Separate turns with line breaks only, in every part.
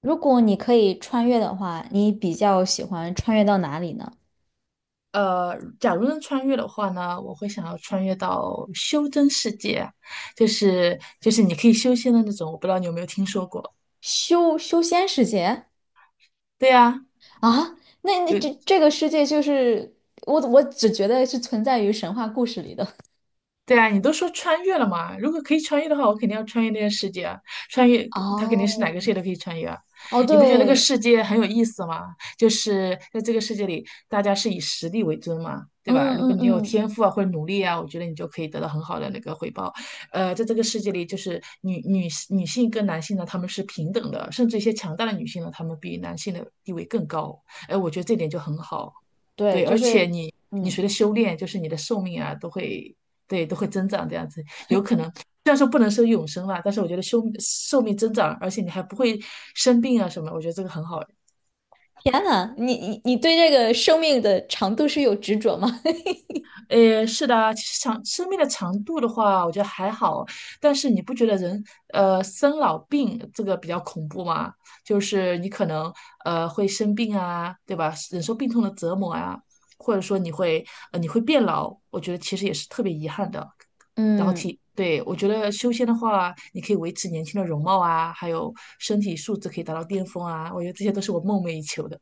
如果你可以穿越的话，你比较喜欢穿越到哪里呢？
假如能穿越的话呢，我会想要穿越到修真世界啊。就是你可以修仙的那种，我不知道你有没有听说过？
修仙世界
对呀，
啊？那那
有。
这这个世界就是我只觉得是存在于神话故事里的。
对啊，你都说穿越了嘛？如果可以穿越的话，我肯定要穿越那个世界啊！穿越，它肯定是哪个世界都
哦
可以穿越啊！
哦
你不觉得那个
对，
世界很有意思吗？就是在这个世界里，大家是以实力为尊嘛，对
嗯
吧？如果
嗯
你有
嗯，
天赋啊或者努力啊，我觉得你就可以得到很好的那个回报。在这个世界里，就是女性跟男性呢，他们是平等的，甚至一些强大的女性呢，她们比男性的地位更高。哎、我觉得这点就很好。
对，
对，
就
而且
是
你你
嗯，
随着修炼，就是你的寿命啊，都会对都会增长这样子，有可能虽然说不能说永生啦，但是我觉得寿命增长，而且你还不会生病啊什么，我觉得这个很好。
天呐，你对这个生命的长度是有执着吗？
诶，是的啊，其实长生命的长度的话，我觉得还好，但是你不觉得人生老病这个比较恐怖吗？就是你可能会生病啊，对吧？忍受病痛的折磨啊，或者说你会你会变老，我觉得其实也是特别遗憾的。然后
嗯。
体，对，我觉得修仙的话，你可以维持年轻的容貌啊，还有身体素质可以达到巅峰啊，我觉得这些都是我梦寐以求的。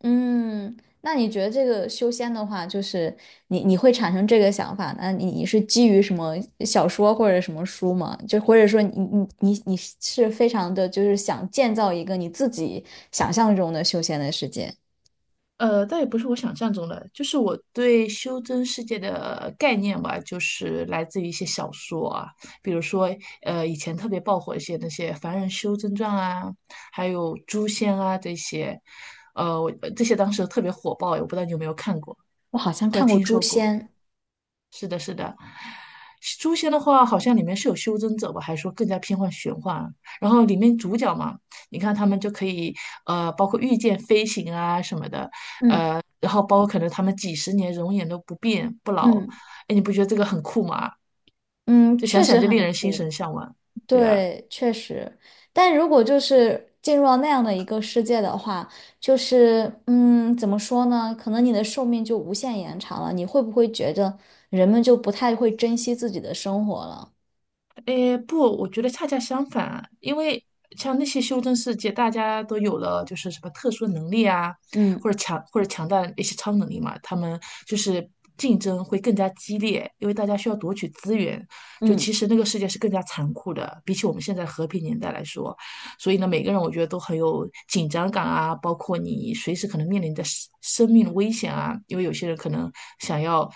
嗯，那你觉得这个修仙的话，就是你会产生这个想法，那你是基于什么小说或者什么书吗？就或者说你是非常的就是想建造一个你自己想象中的修仙的世界？
倒也不是我想象中的，就是我对修真世界的概念吧，就是来自于一些小说啊，比如说，以前特别爆火一些那些《凡人修真传》啊，还有《诛仙》啊这些，呃，我这些当时特别火爆，我不知道你有没有看过
我好像
或者
看过
听
《诛
说过。
仙》，
是的，是的，《诛仙》的话，好像里面是有修真者吧，还是说更加偏向玄幻啊？然后里面主角嘛，你看他们就可以，包括御剑飞行啊什么的。
嗯
然后包括可能他们几十年容颜都不变不老，
嗯
哎，你不觉得这个很酷吗？
嗯，
就想
确
想
实
就令
很
人心
酷。
神向往，对啊。
对，确实，但如果就是进入到那样的一个世界的话，就是嗯，怎么说呢？可能你的寿命就无限延长了。你会不会觉得人们就不太会珍惜自己的生活了？
诶，不，我觉得恰恰相反啊。因为像那些修真世界，大家都有了就是什么特殊能力啊，
嗯
或者强大的一些超能力嘛，他们就是竞争会更加激烈，因为大家需要夺取资源。就
嗯
其实那个世界是更加残酷的，比起我们现在和平年代来说，所以呢，每个人我觉得都很有紧张感啊，包括你随时可能面临的生命危险啊，因为有些人可能想要，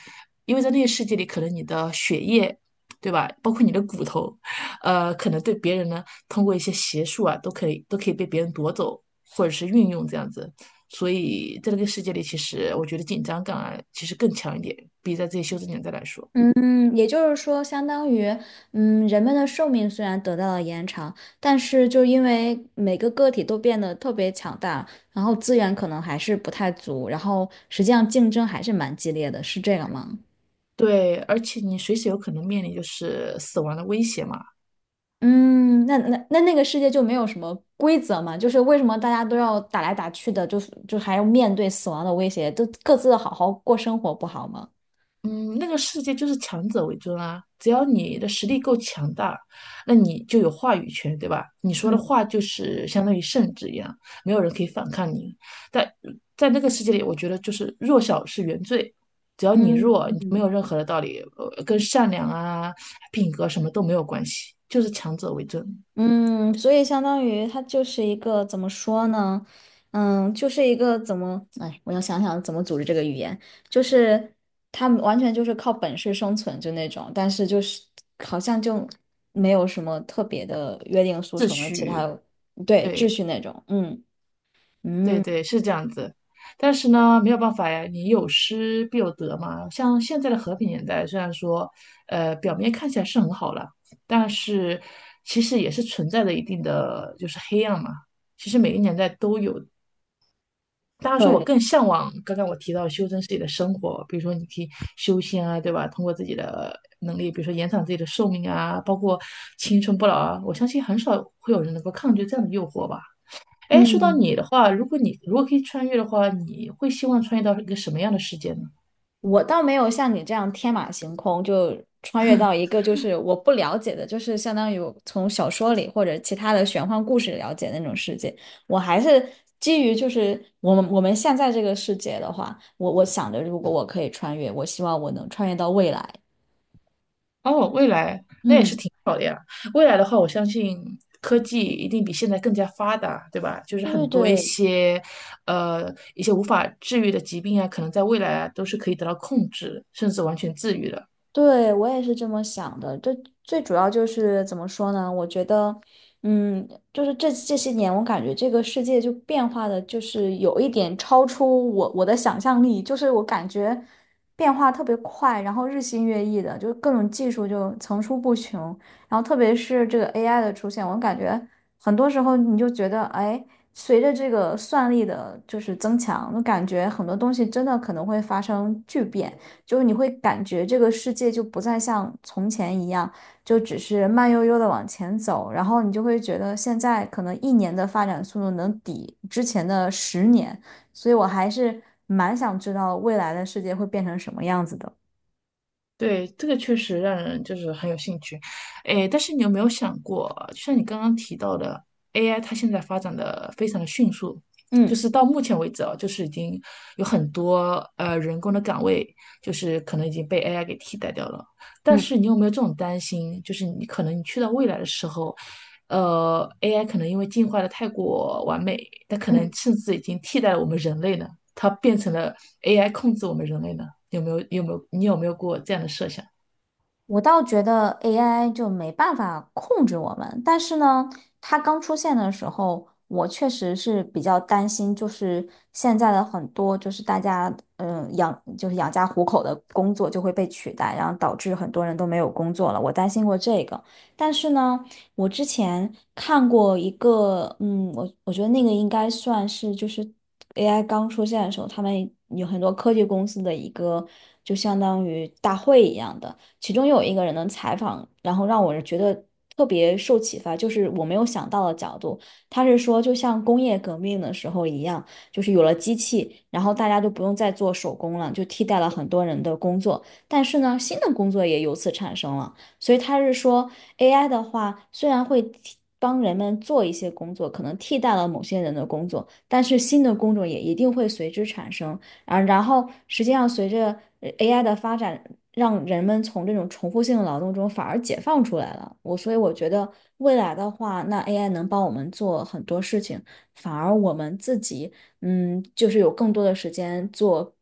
因为在那个世界里，可能你的血液。对吧？包括你的骨头，可能对别人呢，通过一些邪术啊，都可以被别人夺走，或者是运用这样子。所以在那个世界里，其实我觉得紧张感啊，其实更强一点，比在这些修真年代来说。
嗯，也就是说，相当于嗯，人们的寿命虽然得到了延长，但是就因为每个个体都变得特别强大，然后资源可能还是不太足，然后实际上竞争还是蛮激烈的，是这个吗？
对，而且你随时有可能面临就是死亡的威胁嘛。
嗯，那那个世界就没有什么规则嘛？就是为什么大家都要打来打去的，就是就还要面对死亡的威胁，都各自好好过生活不好吗？
嗯，那个世界就是强者为尊啊！只要你的实力够强大，那你就有话语权，对吧？你说的
嗯
话就是相当于圣旨一样，没有人可以反抗你。在在那个世界里，我觉得就是弱小是原罪，只要你弱，你没有
嗯
任何的道理，跟善良啊、品格什么都没有关系，就是强者为尊，
嗯，所以相当于它就是一个怎么说呢？嗯，就是一个怎么，哎，我要想想怎么组织这个语言，就是他们完全就是靠本事生存就那种，但是就是好像就没有什么特别的约定俗
秩
成的其他，
序，
对，秩
对。
序那种，嗯。
对
嗯，
对，是这样子。但是呢，没有办法呀，你有失必有得嘛。像现在的和平年代，虽然说，表面看起来是很好了，但是其实也是存在着一定的就是黑暗嘛。其实每个年代都有。当然说，我
对，
更向往刚刚我提到修真自己的生活，比如说你可以修仙啊，对吧？通过自己的能力，比如说延长自己的寿命啊，包括青春不老啊。我相信很少会有人能够抗拒这样的诱惑吧。哎，说到
嗯
你的话，如果你如果可以穿越的话，你会希望穿越到一个什么样的世界呢？
我倒没有像你这样天马行空，就穿越到一个就是我不了解的，就是相当于我从小说里或者其他的玄幻故事了解那种世界。我还是基于就是我们现在这个世界的话，我想着如果我可以穿越，我希望我能穿越到未来。
哦，未来，
嗯，
未来的话，我相信科技一定比现在更加发达，对吧？就是很
对对
多一
对。
些，一些无法治愈的疾病啊，可能在未来啊都是可以得到控制，甚至完全治愈的。
对，我也是这么想的。这最主要就是怎么说呢？我觉得，嗯，就是这些年，我感觉这个世界就变化的，就是有一点超出我的想象力。就是我感觉变化特别快，然后日新月异的，就是各种技术就层出不穷。然后特别是这个 AI 的出现，我感觉很多时候你就觉得，哎，随着这个算力的就是增强，我感觉很多东西真的可能会发生巨变。就是你会感觉这个世界就不再像从前一样，就只是慢悠悠的往前走，然后你就会觉得现在可能一年的发展速度能抵之前的十年，所以我还是蛮想知道未来的世界会变成什么样子的。
对，这个确实让人就是很有兴趣，诶，但是你有没有想过，就像你刚刚提到的，AI 它现在发展的非常的迅速，就
嗯
是到目前为止啊，就是已经有很多人工的岗位，就是可能已经被 AI 给替代掉了。但
嗯
是你有没有这种担心，就是你可能你去到未来的时候，AI 可能因为进化的太过完美，它可能
嗯。
甚至已经替代了我们人类呢？它变成了 AI 控制我们人类呢？有没有你有没有过这样的设想？
我倒觉得 AI 就没办法控制我们，但是呢，它刚出现的时候，我确实是比较担心，就是现在的很多就是大家养就是养家糊口的工作就会被取代，然后导致很多人都没有工作了，我担心过这个。但是呢，我之前看过一个，嗯，我觉得那个应该算是就是 AI 刚出现的时候，他们有很多科技公司的一个就相当于大会一样的。其中有一个人的采访，然后让我觉得特别受启发，就是我没有想到的角度。他是说，就像工业革命的时候一样，就是有了机器，然后大家就不用再做手工了，就替代了很多人的工作。但是呢，新的工作也由此产生了。所以他是说，AI 的话虽然会替帮人们做一些工作，可能替代了某些人的工作，但是新的工种也一定会随之产生。啊，然后实际上随着AI 的发展，让人们从这种重复性的劳动中反而解放出来了。我所以我觉得未来的话，那 AI 能帮我们做很多事情，反而我们自己嗯，就是有更多的时间做，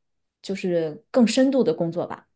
就是更深度的工作吧。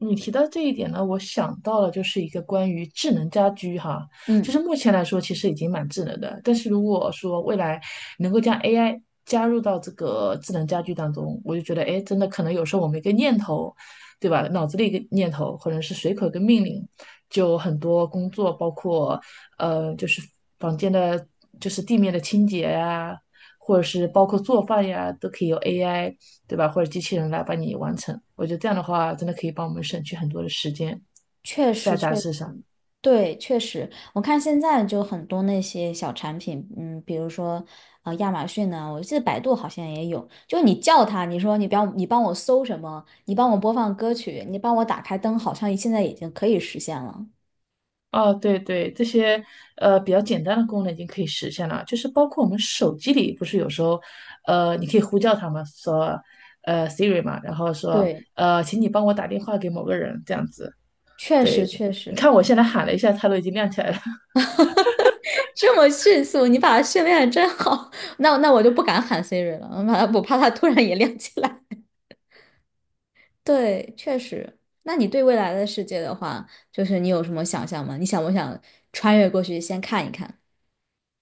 你提到这一点呢，我想到了就是一个关于智能家居哈，就
嗯，
是目前来说其实已经蛮智能的，但是如果说未来能够将 AI 加入到这个智能家居当中，我就觉得哎，诶真的可能有时候我们一个念头，对吧？脑子里一个念头，或者是随口一个命令，就很多工作，包括呃，就是房间的，就是地面的清洁呀、或者是包括做饭呀，都可以由 AI 对吧？或者机器人来帮你完成。我觉得这样的话，真的可以帮我们省去很多的时间
确实
在杂
确实。
志上。
对，确实，我看现在就很多那些小产品，嗯，比如说，亚马逊呢，我记得百度好像也有，就你叫它，你说你不要，你帮我搜什么，你帮我播放歌曲，你帮我打开灯，好像现在已经可以实现了。
哦，对对，这些比较简单的功能已经可以实现了，就是包括我们手机里不是有时候，你可以呼叫他们说，呃，Siri 嘛，然后说，
对，
请你帮我打电话给某个人这样子。
确实
对，
确
你
实，
看我现在喊了一下，它都已经亮起来了。
这么迅速，你把它训练的真好，那那我就不敢喊 Siri 了，我怕它突然也亮起来。对，确实。那你对未来的世界的话，就是你有什么想象吗？你想不想穿越过去先看一看？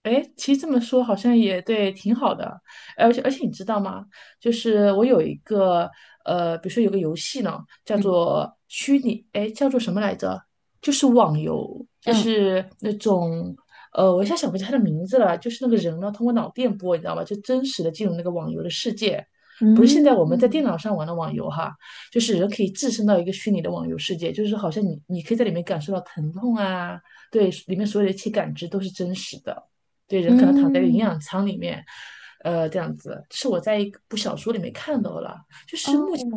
哎，其实这么说好像也对，挺好的。而且你知道吗？就是我有一个比如说有个游戏呢，叫
嗯
做虚拟，哎，叫做什么来着？就是网游，就
嗯
是那种我一下想不起来它的名字了。就是那个人呢，通过脑电波，你知道吗？就真实的进入那个网游的世界，不是现在我们在
嗯
电脑上玩的网游哈，就是人可以置身到一个虚拟的网游世界，就是好像你可以在里面感受到疼痛啊，对，里面所有的一切感知都是真实的。对，人可能躺在一个营
嗯，
养舱里面，这样子是我在一部小说里面看到了。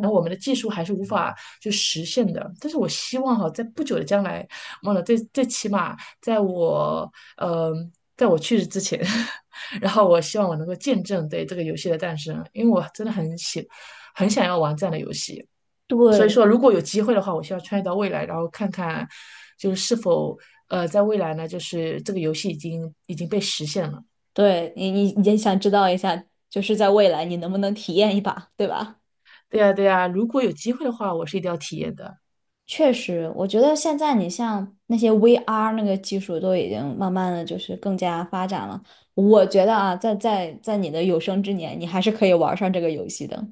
然后我们的技术还是无法就实现的，但是我希望哈，在不久的将来，忘了最最起码在我呃，在我去世之前，然后我希望我能够见证对这个游戏的诞生，因为我真的很喜很想要玩这样的游戏。所以
对
说，如果有机会的话，我希望穿越到未来，然后看看就是是否在未来呢，就是这个游戏已经被实现了。
对，你也想知道一下，就是在未来你能不能体验一把，对吧？
对呀，对呀，如果有机会的话，我是一定要体验的。
确实，我觉得现在你像那些 VR 那个技术都已经慢慢的就是更加发展了。我觉得啊，在你的有生之年，你还是可以玩上这个游戏的。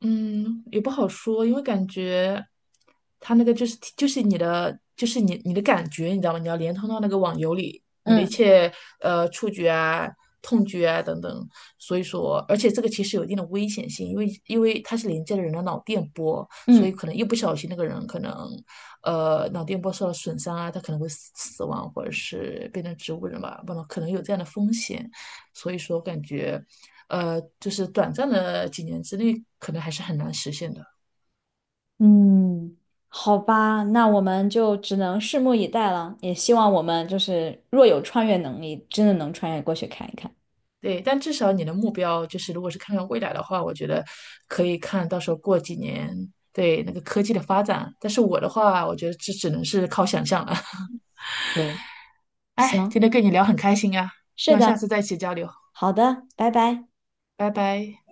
嗯，也不好说，因为感觉他那个就是你的就是你的感觉，你知道吗？你要连通到那个网游里，你的一
嗯
切触觉啊、痛觉啊等等。所以说，而且这个其实有一定的危险性，因为它是连接了人的脑电波，所以
嗯。
可能一不小心那个人可能脑电波受到损伤啊，他可能会死亡或者是变成植物人吧，不能可能有这样的风险。所以说，感觉。就是短暂的几年之内，可能还是很难实现的。
嗯，好吧，那我们就只能拭目以待了。也希望我们就是若有穿越能力，真的能穿越过去看一看。
对，但至少你的目标就是，如果是看看未来的话，我觉得可以看到时候过几年对那个科技的发展。但是我的话，我觉得这只能是靠想象了。
对，
哎，
行，
今天跟你聊很开心啊，希
是
望下
的，
次再一起交流，
好的，拜拜。
拜拜。